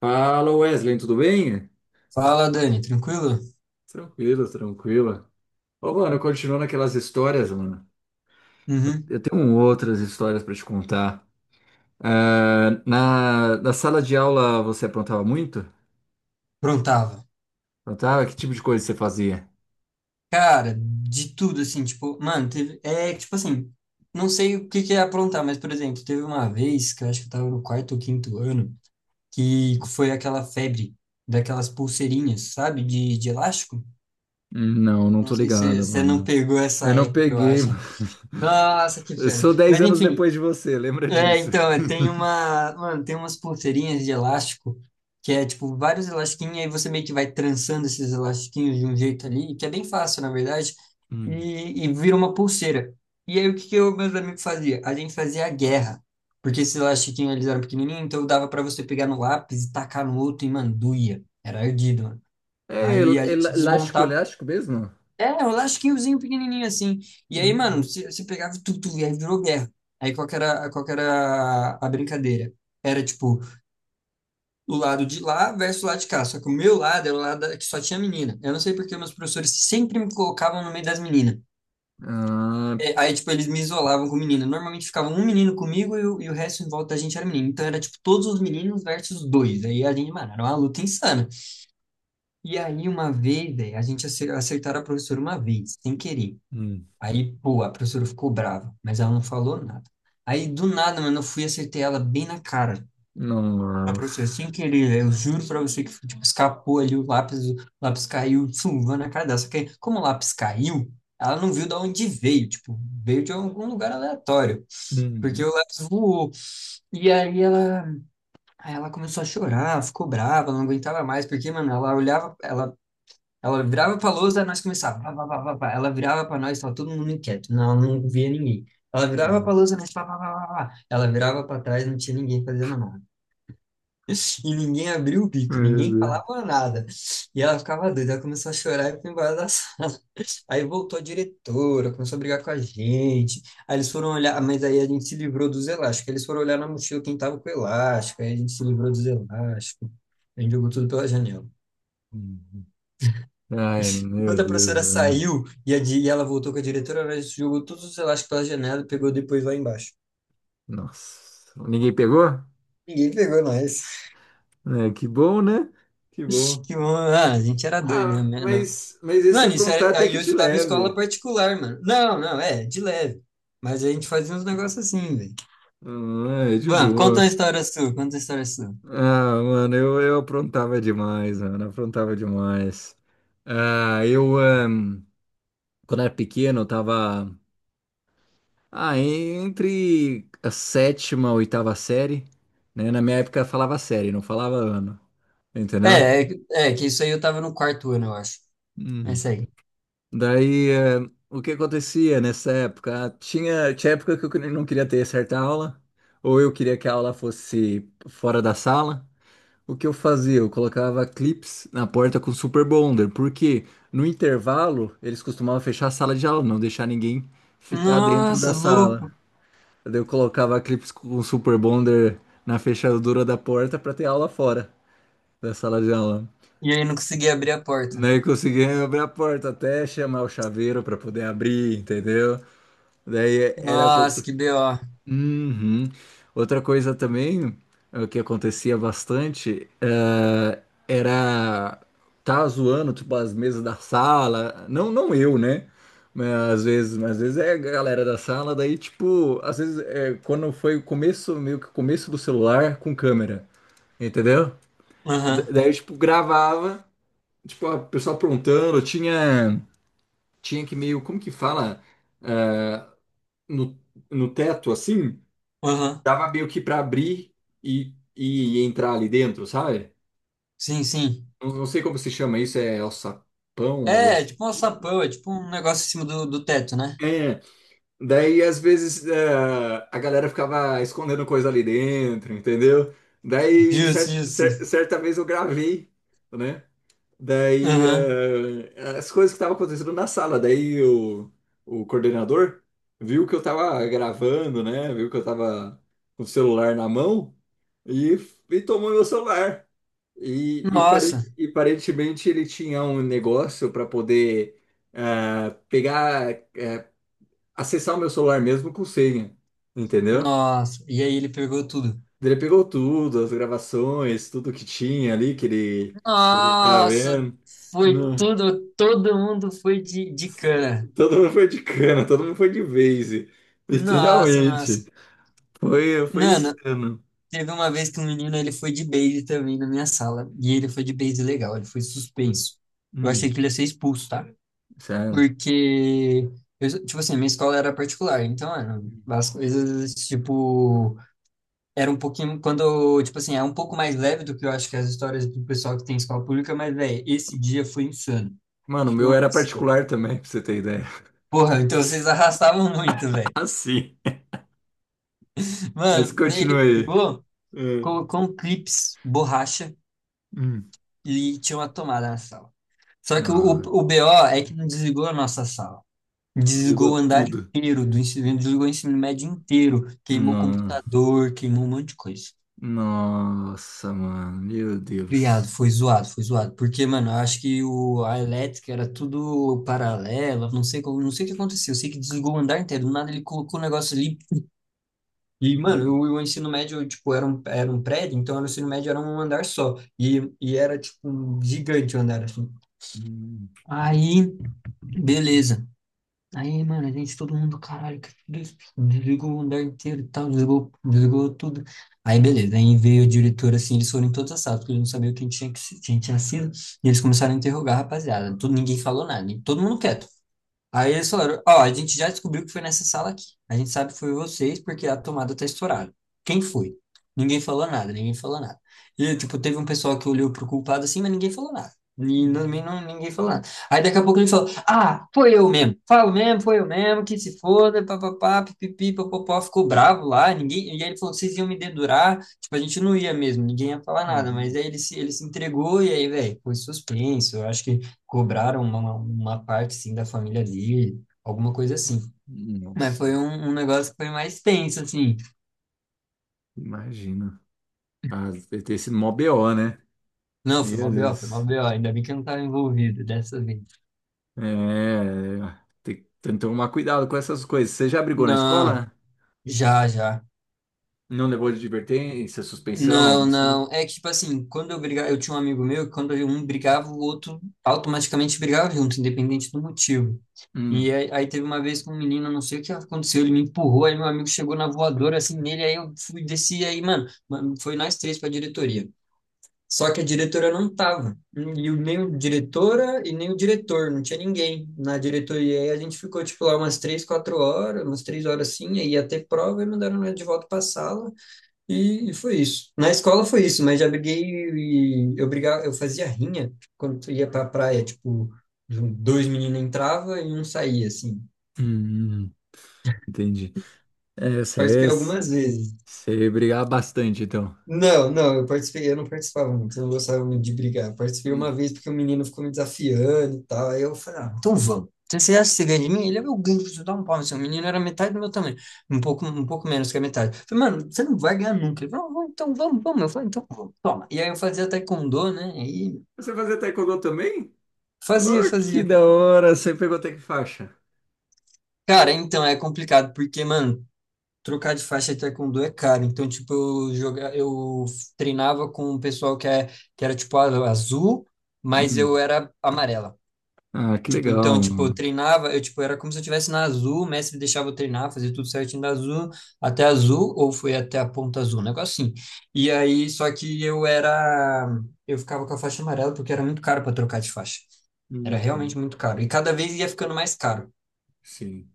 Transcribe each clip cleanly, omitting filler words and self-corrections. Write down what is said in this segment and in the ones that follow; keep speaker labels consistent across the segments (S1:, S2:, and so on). S1: Fala, Wesley, tudo bem?
S2: Fala, Dani, tranquilo?
S1: Tranquilo, tranquilo. Ô, mano, continuando aquelas histórias, mano. Eu
S2: Uhum.
S1: eu tenho um outras histórias pra te contar. Ah, na sala de aula você aprontava muito?
S2: Prontava.
S1: Aprontava? Que tipo de coisa você fazia?
S2: Cara, de tudo, assim, tipo, mano, teve. É, tipo assim, não sei o que que é aprontar, mas, por exemplo, teve uma vez que eu acho que eu tava no quarto ou quinto ano, que foi aquela febre daquelas pulseirinhas, sabe? De elástico.
S1: Não, não
S2: Não
S1: tô
S2: sei se
S1: ligado,
S2: você não
S1: mano.
S2: pegou essa
S1: Eu não
S2: época, eu
S1: peguei,
S2: acho.
S1: mano.
S2: Nossa, que
S1: Eu
S2: pena.
S1: sou 10
S2: Mas,
S1: anos
S2: enfim,
S1: depois de você, lembra
S2: é,
S1: disso?
S2: então, mano, tem umas pulseirinhas de elástico que é tipo vários elastiquinhos, aí você meio que vai trançando esses elastiquinhos de um jeito ali, que é bem fácil, na verdade,
S1: Hum.
S2: e vira uma pulseira. E aí o que que eu, meus amigos fazia? A gente fazia a guerra, porque esses elastiquinhos eles eram pequenininhos, então dava pra você pegar no lápis e tacar no outro e, mano, doía. Era ardido, mano.
S1: É
S2: Aí a gente
S1: elástico,
S2: desmontava,
S1: elástico mesmo?
S2: é um lasquinhozinho pequenininho assim. E aí, mano,
S1: Hum.
S2: você pegava tudo, tu, tu, e aí virou guerra. Aí qual que era a brincadeira? Era tipo, o lado de lá versus o lado de cá. Só que o meu lado era o lado que só tinha menina. Eu não sei porque meus professores sempre me colocavam no meio das meninas.
S1: Ah,
S2: É. Aí, tipo, eles me isolavam com menina. Normalmente ficava um menino comigo e o resto em volta da gente era menino. Então era, tipo, todos os meninos versus dois. Aí a gente, mano, era uma luta insana. E aí, uma vez, velho, a gente acertaram a professora uma vez, sem querer.
S1: hum,
S2: Aí, pô, a professora ficou brava, mas ela não falou nada. Aí, do nada, mano, eu fui e acertei ela bem na cara. A
S1: não.
S2: professora, sem querer, eu juro pra você que, tipo, escapou ali o lápis caiu, chuva na cara dela. Só que, aí, como o lápis caiu, ela não viu de onde veio, tipo, veio de algum lugar aleatório, porque o lápis voou. E aí ela começou a chorar, ficou brava, ela não aguentava mais, porque, mano, ela olhava, ela virava pra lousa, nós começava. Pá, pá, pá, pá, pá. Ela virava pra nós, tava todo mundo inquieto, não via ninguém. Ela virava pra
S1: Hum.
S2: lousa, nós pá, pá, pá, pá, pá. Ela virava pra trás, não tinha ninguém fazendo nada. E ninguém abriu o bico, ninguém
S1: Meu Deus.
S2: falava nada. E ela ficava doida, ela começou a chorar e foi embora da sala. Aí voltou a diretora, começou a brigar com a gente. Aí eles foram olhar, mas aí a gente se livrou dos elásticos. Eles foram olhar na mochila quem tava com elástico, aí a gente se livrou dos elásticos. A gente jogou tudo pela janela.
S1: Hum. Ai, meu
S2: Enquanto a
S1: Deus,
S2: professora
S1: Ana.
S2: saiu e ela voltou com a diretora, ela jogou todos os elásticos pela janela e pegou depois lá embaixo.
S1: Nossa. Ninguém pegou?
S2: Ninguém pegou nós.
S1: É, que bom, né? Que bom.
S2: Que bom. Ah, a gente era doido, né?
S1: Ah,
S2: Mas não.
S1: mas esse
S2: Mano, isso
S1: aprontar
S2: era,
S1: até
S2: aí
S1: que
S2: eu
S1: te
S2: estudava em escola
S1: leve.
S2: particular, mano. Não, não, é, de leve. Mas a gente fazia uns negócios assim, velho.
S1: Ah, é de
S2: Bom, conta uma
S1: boa.
S2: história sua, conta uma história sua.
S1: Ah, mano, eu aprontava demais, mano. Aprontava demais. Ah, eu, ah, quando era pequeno, eu tava, ah, entre a sétima e oitava série, né? Na minha época falava série, não falava ano, entendeu?
S2: Que isso aí eu tava no quarto ano, eu acho. É
S1: Uhum.
S2: isso aí.
S1: Daí, o que acontecia nessa época? Ah, tinha, tinha época que eu não queria ter certa aula, ou eu queria que a aula fosse fora da sala. O que eu fazia? Eu colocava clips na porta com Super Bonder, porque no intervalo eles costumavam fechar a sala de aula, não deixar ninguém ficar dentro da
S2: Nossa,
S1: sala.
S2: louco.
S1: Daí eu colocava clips com Super Bonder na fechadura da porta para ter aula fora da sala de aula.
S2: E aí não consegui abrir a porta.
S1: Daí conseguia abrir a porta até chamar o chaveiro para poder abrir, entendeu? Daí era
S2: Nossa, que BO.
S1: Uhum. Outra coisa também, que acontecia bastante, era. Tá zoando, tipo, as mesas da sala. Não, não eu, né? Mas às vezes é a galera da sala, daí, tipo, às vezes é quando foi o começo, meio que o começo do celular com câmera, entendeu?
S2: Aham,
S1: Daí, tipo, gravava, tipo, a pessoa aprontando, tinha, tinha que meio, como que fala? Eh, no no teto assim,
S2: aham.
S1: dava meio que para abrir e entrar ali dentro, sabe?
S2: Sim, sim.
S1: Não, não sei como se chama isso, é alçapão, algo
S2: É
S1: assim.
S2: tipo um alçapão, é tipo um negócio em cima do teto, né?
S1: É, daí às vezes é, a galera ficava escondendo coisa ali dentro, entendeu? Daí
S2: Justo, justo.
S1: certa vez eu gravei, né? Daí,
S2: Aham.
S1: as coisas que estavam acontecendo na sala, daí o coordenador viu que eu tava gravando, né? Viu que eu tava com o celular na mão e, e tomou meu celular. E,
S2: Nossa,
S1: e aparentemente ele tinha um negócio para poder ah, pegar, acessar o meu celular mesmo com senha, entendeu?
S2: nossa. E aí ele pegou tudo.
S1: Ele pegou tudo, as gravações, tudo que tinha ali que ele, que a gente tava
S2: Nossa,
S1: vendo.
S2: foi tudo, todo mundo foi de cana.
S1: Todo mundo foi de cana, todo mundo foi de vase.
S2: Nossa,
S1: Literalmente.
S2: nossa.
S1: Foi, foi
S2: Mano,
S1: insano.
S2: teve uma vez que um menino, ele foi de base também na minha sala. E ele foi de base legal, ele foi
S1: Hum,
S2: suspenso. Eu achei
S1: hum,
S2: que ele ia ser expulso, tá?
S1: sério.
S2: Porque, tipo assim, minha escola era particular. Então, mano, as coisas, tipo... Era um pouquinho, quando, tipo assim, é um pouco mais leve do que eu acho que as histórias do pessoal que tem escola pública, mas, velho, esse dia foi insano.
S1: Mano, o
S2: Tipo,
S1: meu
S2: uma
S1: era
S2: pessoa.
S1: particular também, pra você ter ideia.
S2: Porra, então vocês arrastavam muito, velho.
S1: Ah, sim. Mas
S2: Mano, né, ele
S1: continua aí.
S2: pegou,
S1: É.
S2: colocou um clips, borracha
S1: Hum.
S2: e tinha uma tomada na sala. Só que o, o,
S1: Não,
S2: o BO é que não desligou a nossa sala.
S1: desligou
S2: Desligou o andar
S1: tudo.
S2: inteiro do ensino, desligou o ensino médio inteiro. Queimou
S1: Não.
S2: computador, queimou um monte de coisa.
S1: Nossa, mano, meu
S2: Criado,
S1: Deus.
S2: foi zoado, foi zoado. Porque, mano, eu acho que a elétrica era tudo paralela, não sei como, não sei o que aconteceu. Eu sei que desligou o andar inteiro, do nada ele colocou o negócio ali. E, mano,
S1: Hum,
S2: o ensino médio, tipo, era um prédio, então era o ensino médio era um andar só. E era, tipo, um gigante o andar, assim.
S1: hum,
S2: Aí, beleza. Aí, mano, a gente, todo mundo, caralho, que desligou o andar inteiro e tal, desligou, tudo. Aí, beleza, aí veio o diretor, assim, eles foram em todas as salas, porque eles não sabiam quem tinha, que, se- quem tinha sido, e eles começaram a interrogar a rapaziada. Tudo, ninguém falou nada, e todo mundo quieto. Aí eles falaram, ó, a gente já descobriu que foi nessa sala aqui. A gente sabe que foi vocês porque a tomada tá estourada. Quem foi? Ninguém falou nada, ninguém falou nada. E, tipo, teve um pessoal que olhou pro culpado assim, mas ninguém falou nada. E não,
S1: hum,
S2: não, ninguém falou nada. Aí daqui a pouco ele falou, ah, foi eu mesmo. Falo mesmo, foi eu mesmo, que se foda, papapá, pipipi, papopó. Ficou bravo lá, ninguém... E aí ele falou, vocês iam me dedurar. Tipo, a gente não ia mesmo, ninguém ia falar nada. Mas
S1: hum.
S2: aí ele se entregou e aí, velho, foi suspenso. Eu acho que cobraram uma parte, assim, da família dele, alguma coisa assim. Mas
S1: Nossa,
S2: foi um negócio que foi mais tenso, assim.
S1: imagina. Ah, deve ter sido mó BO, né?
S2: Não, foi
S1: Meu
S2: mó BO, foi mó
S1: Deus.
S2: BO. Ainda bem que eu não estava envolvido dessa vez.
S1: É, tem, tem que tomar cuidado com essas coisas. Você já brigou na
S2: Não,
S1: escola?
S2: já, já.
S1: Não levou de advertência, suspensão, algo
S2: Não,
S1: assim?
S2: não. É que, tipo assim, quando eu brigava, eu tinha um amigo meu que quando um brigava, o outro automaticamente brigava junto, independente do motivo. E
S1: Hum,
S2: aí teve uma vez com um menino, não sei o que aconteceu, ele me empurrou, aí meu amigo chegou na voadora, assim, nele, aí eu fui, desci, aí, mano, foi nós três pra diretoria. Só que a diretora não estava. Nem a diretora e nem o diretor, não tinha ninguém na diretoria. E aí a gente ficou, tipo, lá umas 3, 4 horas, umas 3 horas assim, aí ia ter prova e mandaram nós de volta para a sala. E foi isso. Na escola foi isso, mas já briguei e eu brigava, eu fazia rinha quando ia para a praia, tipo, dois meninos entravam e um saía, assim.
S1: Hum, entendi. É,
S2: Participei
S1: você,
S2: algumas vezes.
S1: você brigava bastante, então.
S2: Não, não, eu participei, eu não participava muito, eu não gostava muito de brigar. Eu participei uma
S1: Hum.
S2: vez porque o menino ficou me desafiando e tal. Aí eu falei, ah, então vamos. Então, você acha que você ganha de mim? Ele, é meu ganho, você dá um pau no seu menino, era metade do meu tamanho, um pouco menos que a metade. Eu falei, mano, você não vai ganhar nunca. Ele falou, "Não, então vamos, vamos." Eu falei, então vamos, toma. E aí eu fazia taekwondo, né? E
S1: Você fazia taekwondo também?
S2: fazia,
S1: Oh, que
S2: fazia.
S1: da hora! Você pegou até que faixa?
S2: Cara, então é complicado, porque, mano, trocar de faixa de taekwondo é caro. Então, tipo, eu treinava com o pessoal que era, tipo, azul, mas eu
S1: Hum.
S2: era amarela.
S1: Ah, que
S2: Tipo, então,
S1: legal,
S2: tipo, eu
S1: mano.
S2: treinava, eu, tipo, era como se eu estivesse na azul, o mestre deixava eu treinar, fazer tudo certinho da azul, até a azul, ou foi até a ponta azul, um negócio assim. E aí, só que eu ficava com a faixa amarela porque era muito caro para trocar de faixa. Era realmente
S1: Uhum.
S2: muito caro. E cada vez ia ficando mais caro.
S1: Sim,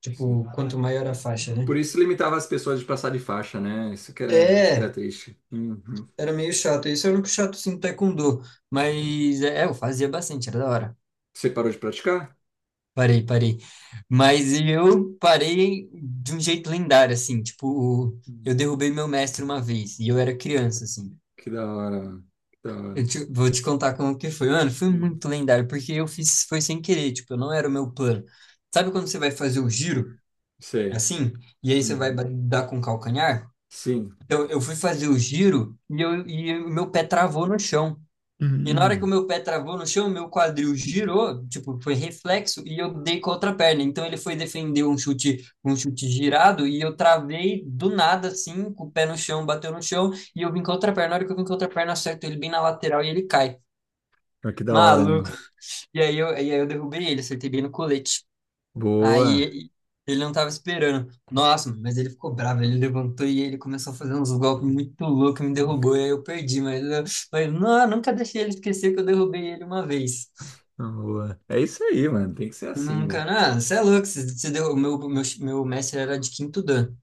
S2: Tipo,
S1: sim.
S2: quanto maior a faixa, né?
S1: Por isso limitava as pessoas de passar de faixa, né? Isso que era
S2: É,
S1: triste. Uhum.
S2: Era meio chato. Isso é o único chato sim do taekwondo. Mas é, eu fazia bastante, era da hora.
S1: Você parou de praticar?
S2: Parei, parei. Mas eu parei de um jeito lendário, assim. Tipo, eu derrubei meu mestre uma vez e eu era criança, assim.
S1: Que da hora, que da hora.
S2: Vou te contar como que foi. Mano, foi
S1: Hum,
S2: muito lendário, porque eu fiz, foi sem querer, tipo, não era o meu plano. Sabe quando você vai fazer o giro,
S1: sei.
S2: assim, e aí você vai
S1: Uhum.
S2: dar com o calcanhar?
S1: Sim.
S2: Então, eu fui fazer o giro e o meu pé travou no chão. E na hora que o
S1: Hum,
S2: meu pé travou no chão, meu quadril girou, tipo, foi reflexo, e eu dei com a outra perna. Então ele foi defender um chute girado, e eu travei do nada, assim, com o pé no chão, bateu no chão, e eu vim com a outra perna. Na hora que eu vim com a outra perna, acerto ele bem na lateral e ele cai.
S1: mas que da hora,
S2: Maluco.
S1: mano.
S2: E aí eu derrubei ele, acertei bem no colete.
S1: Boa,
S2: Aí ele não tava esperando. Nossa, mas ele ficou bravo, ele levantou e ele começou a fazer uns golpes muito loucos, me derrubou, e aí eu perdi, mas não, eu nunca deixei ele esquecer que eu derrubei ele uma vez.
S1: boa. É isso aí, mano. Tem que ser assim,
S2: Nunca,
S1: né?
S2: não, você é louco, você deu, meu mestre era de 5º dan.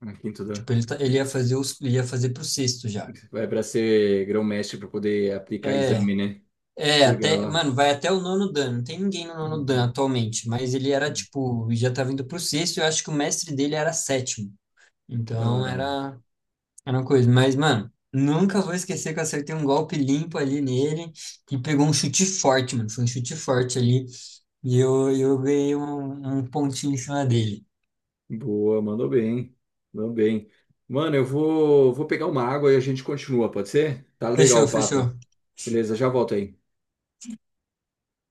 S1: Aqui em tudo.
S2: Tipo, ele, ele ia fazer pro sexto já.
S1: Vai para ser grão-mestre para poder aplicar
S2: É,
S1: exame, né?
S2: é, até,
S1: Legal.
S2: mano, vai até o 9º dan, não tem ninguém no 9º dan
S1: Uhum.
S2: atualmente, mas ele era, tipo, já tava indo pro sexto, eu acho que o mestre dele era sétimo.
S1: Que da
S2: Então
S1: hora, mano.
S2: era. Era uma coisa, mas, mano, nunca vou esquecer que eu acertei um golpe limpo ali nele, que pegou um chute forte, mano. Foi um chute forte ali, e eu ganhei um pontinho em cima dele.
S1: Boa, mandou bem. Mandou bem. Mano, vou pegar uma água e a gente continua, pode ser? Tá legal
S2: Fechou,
S1: o
S2: fechou.
S1: papo. Beleza, já volto aí.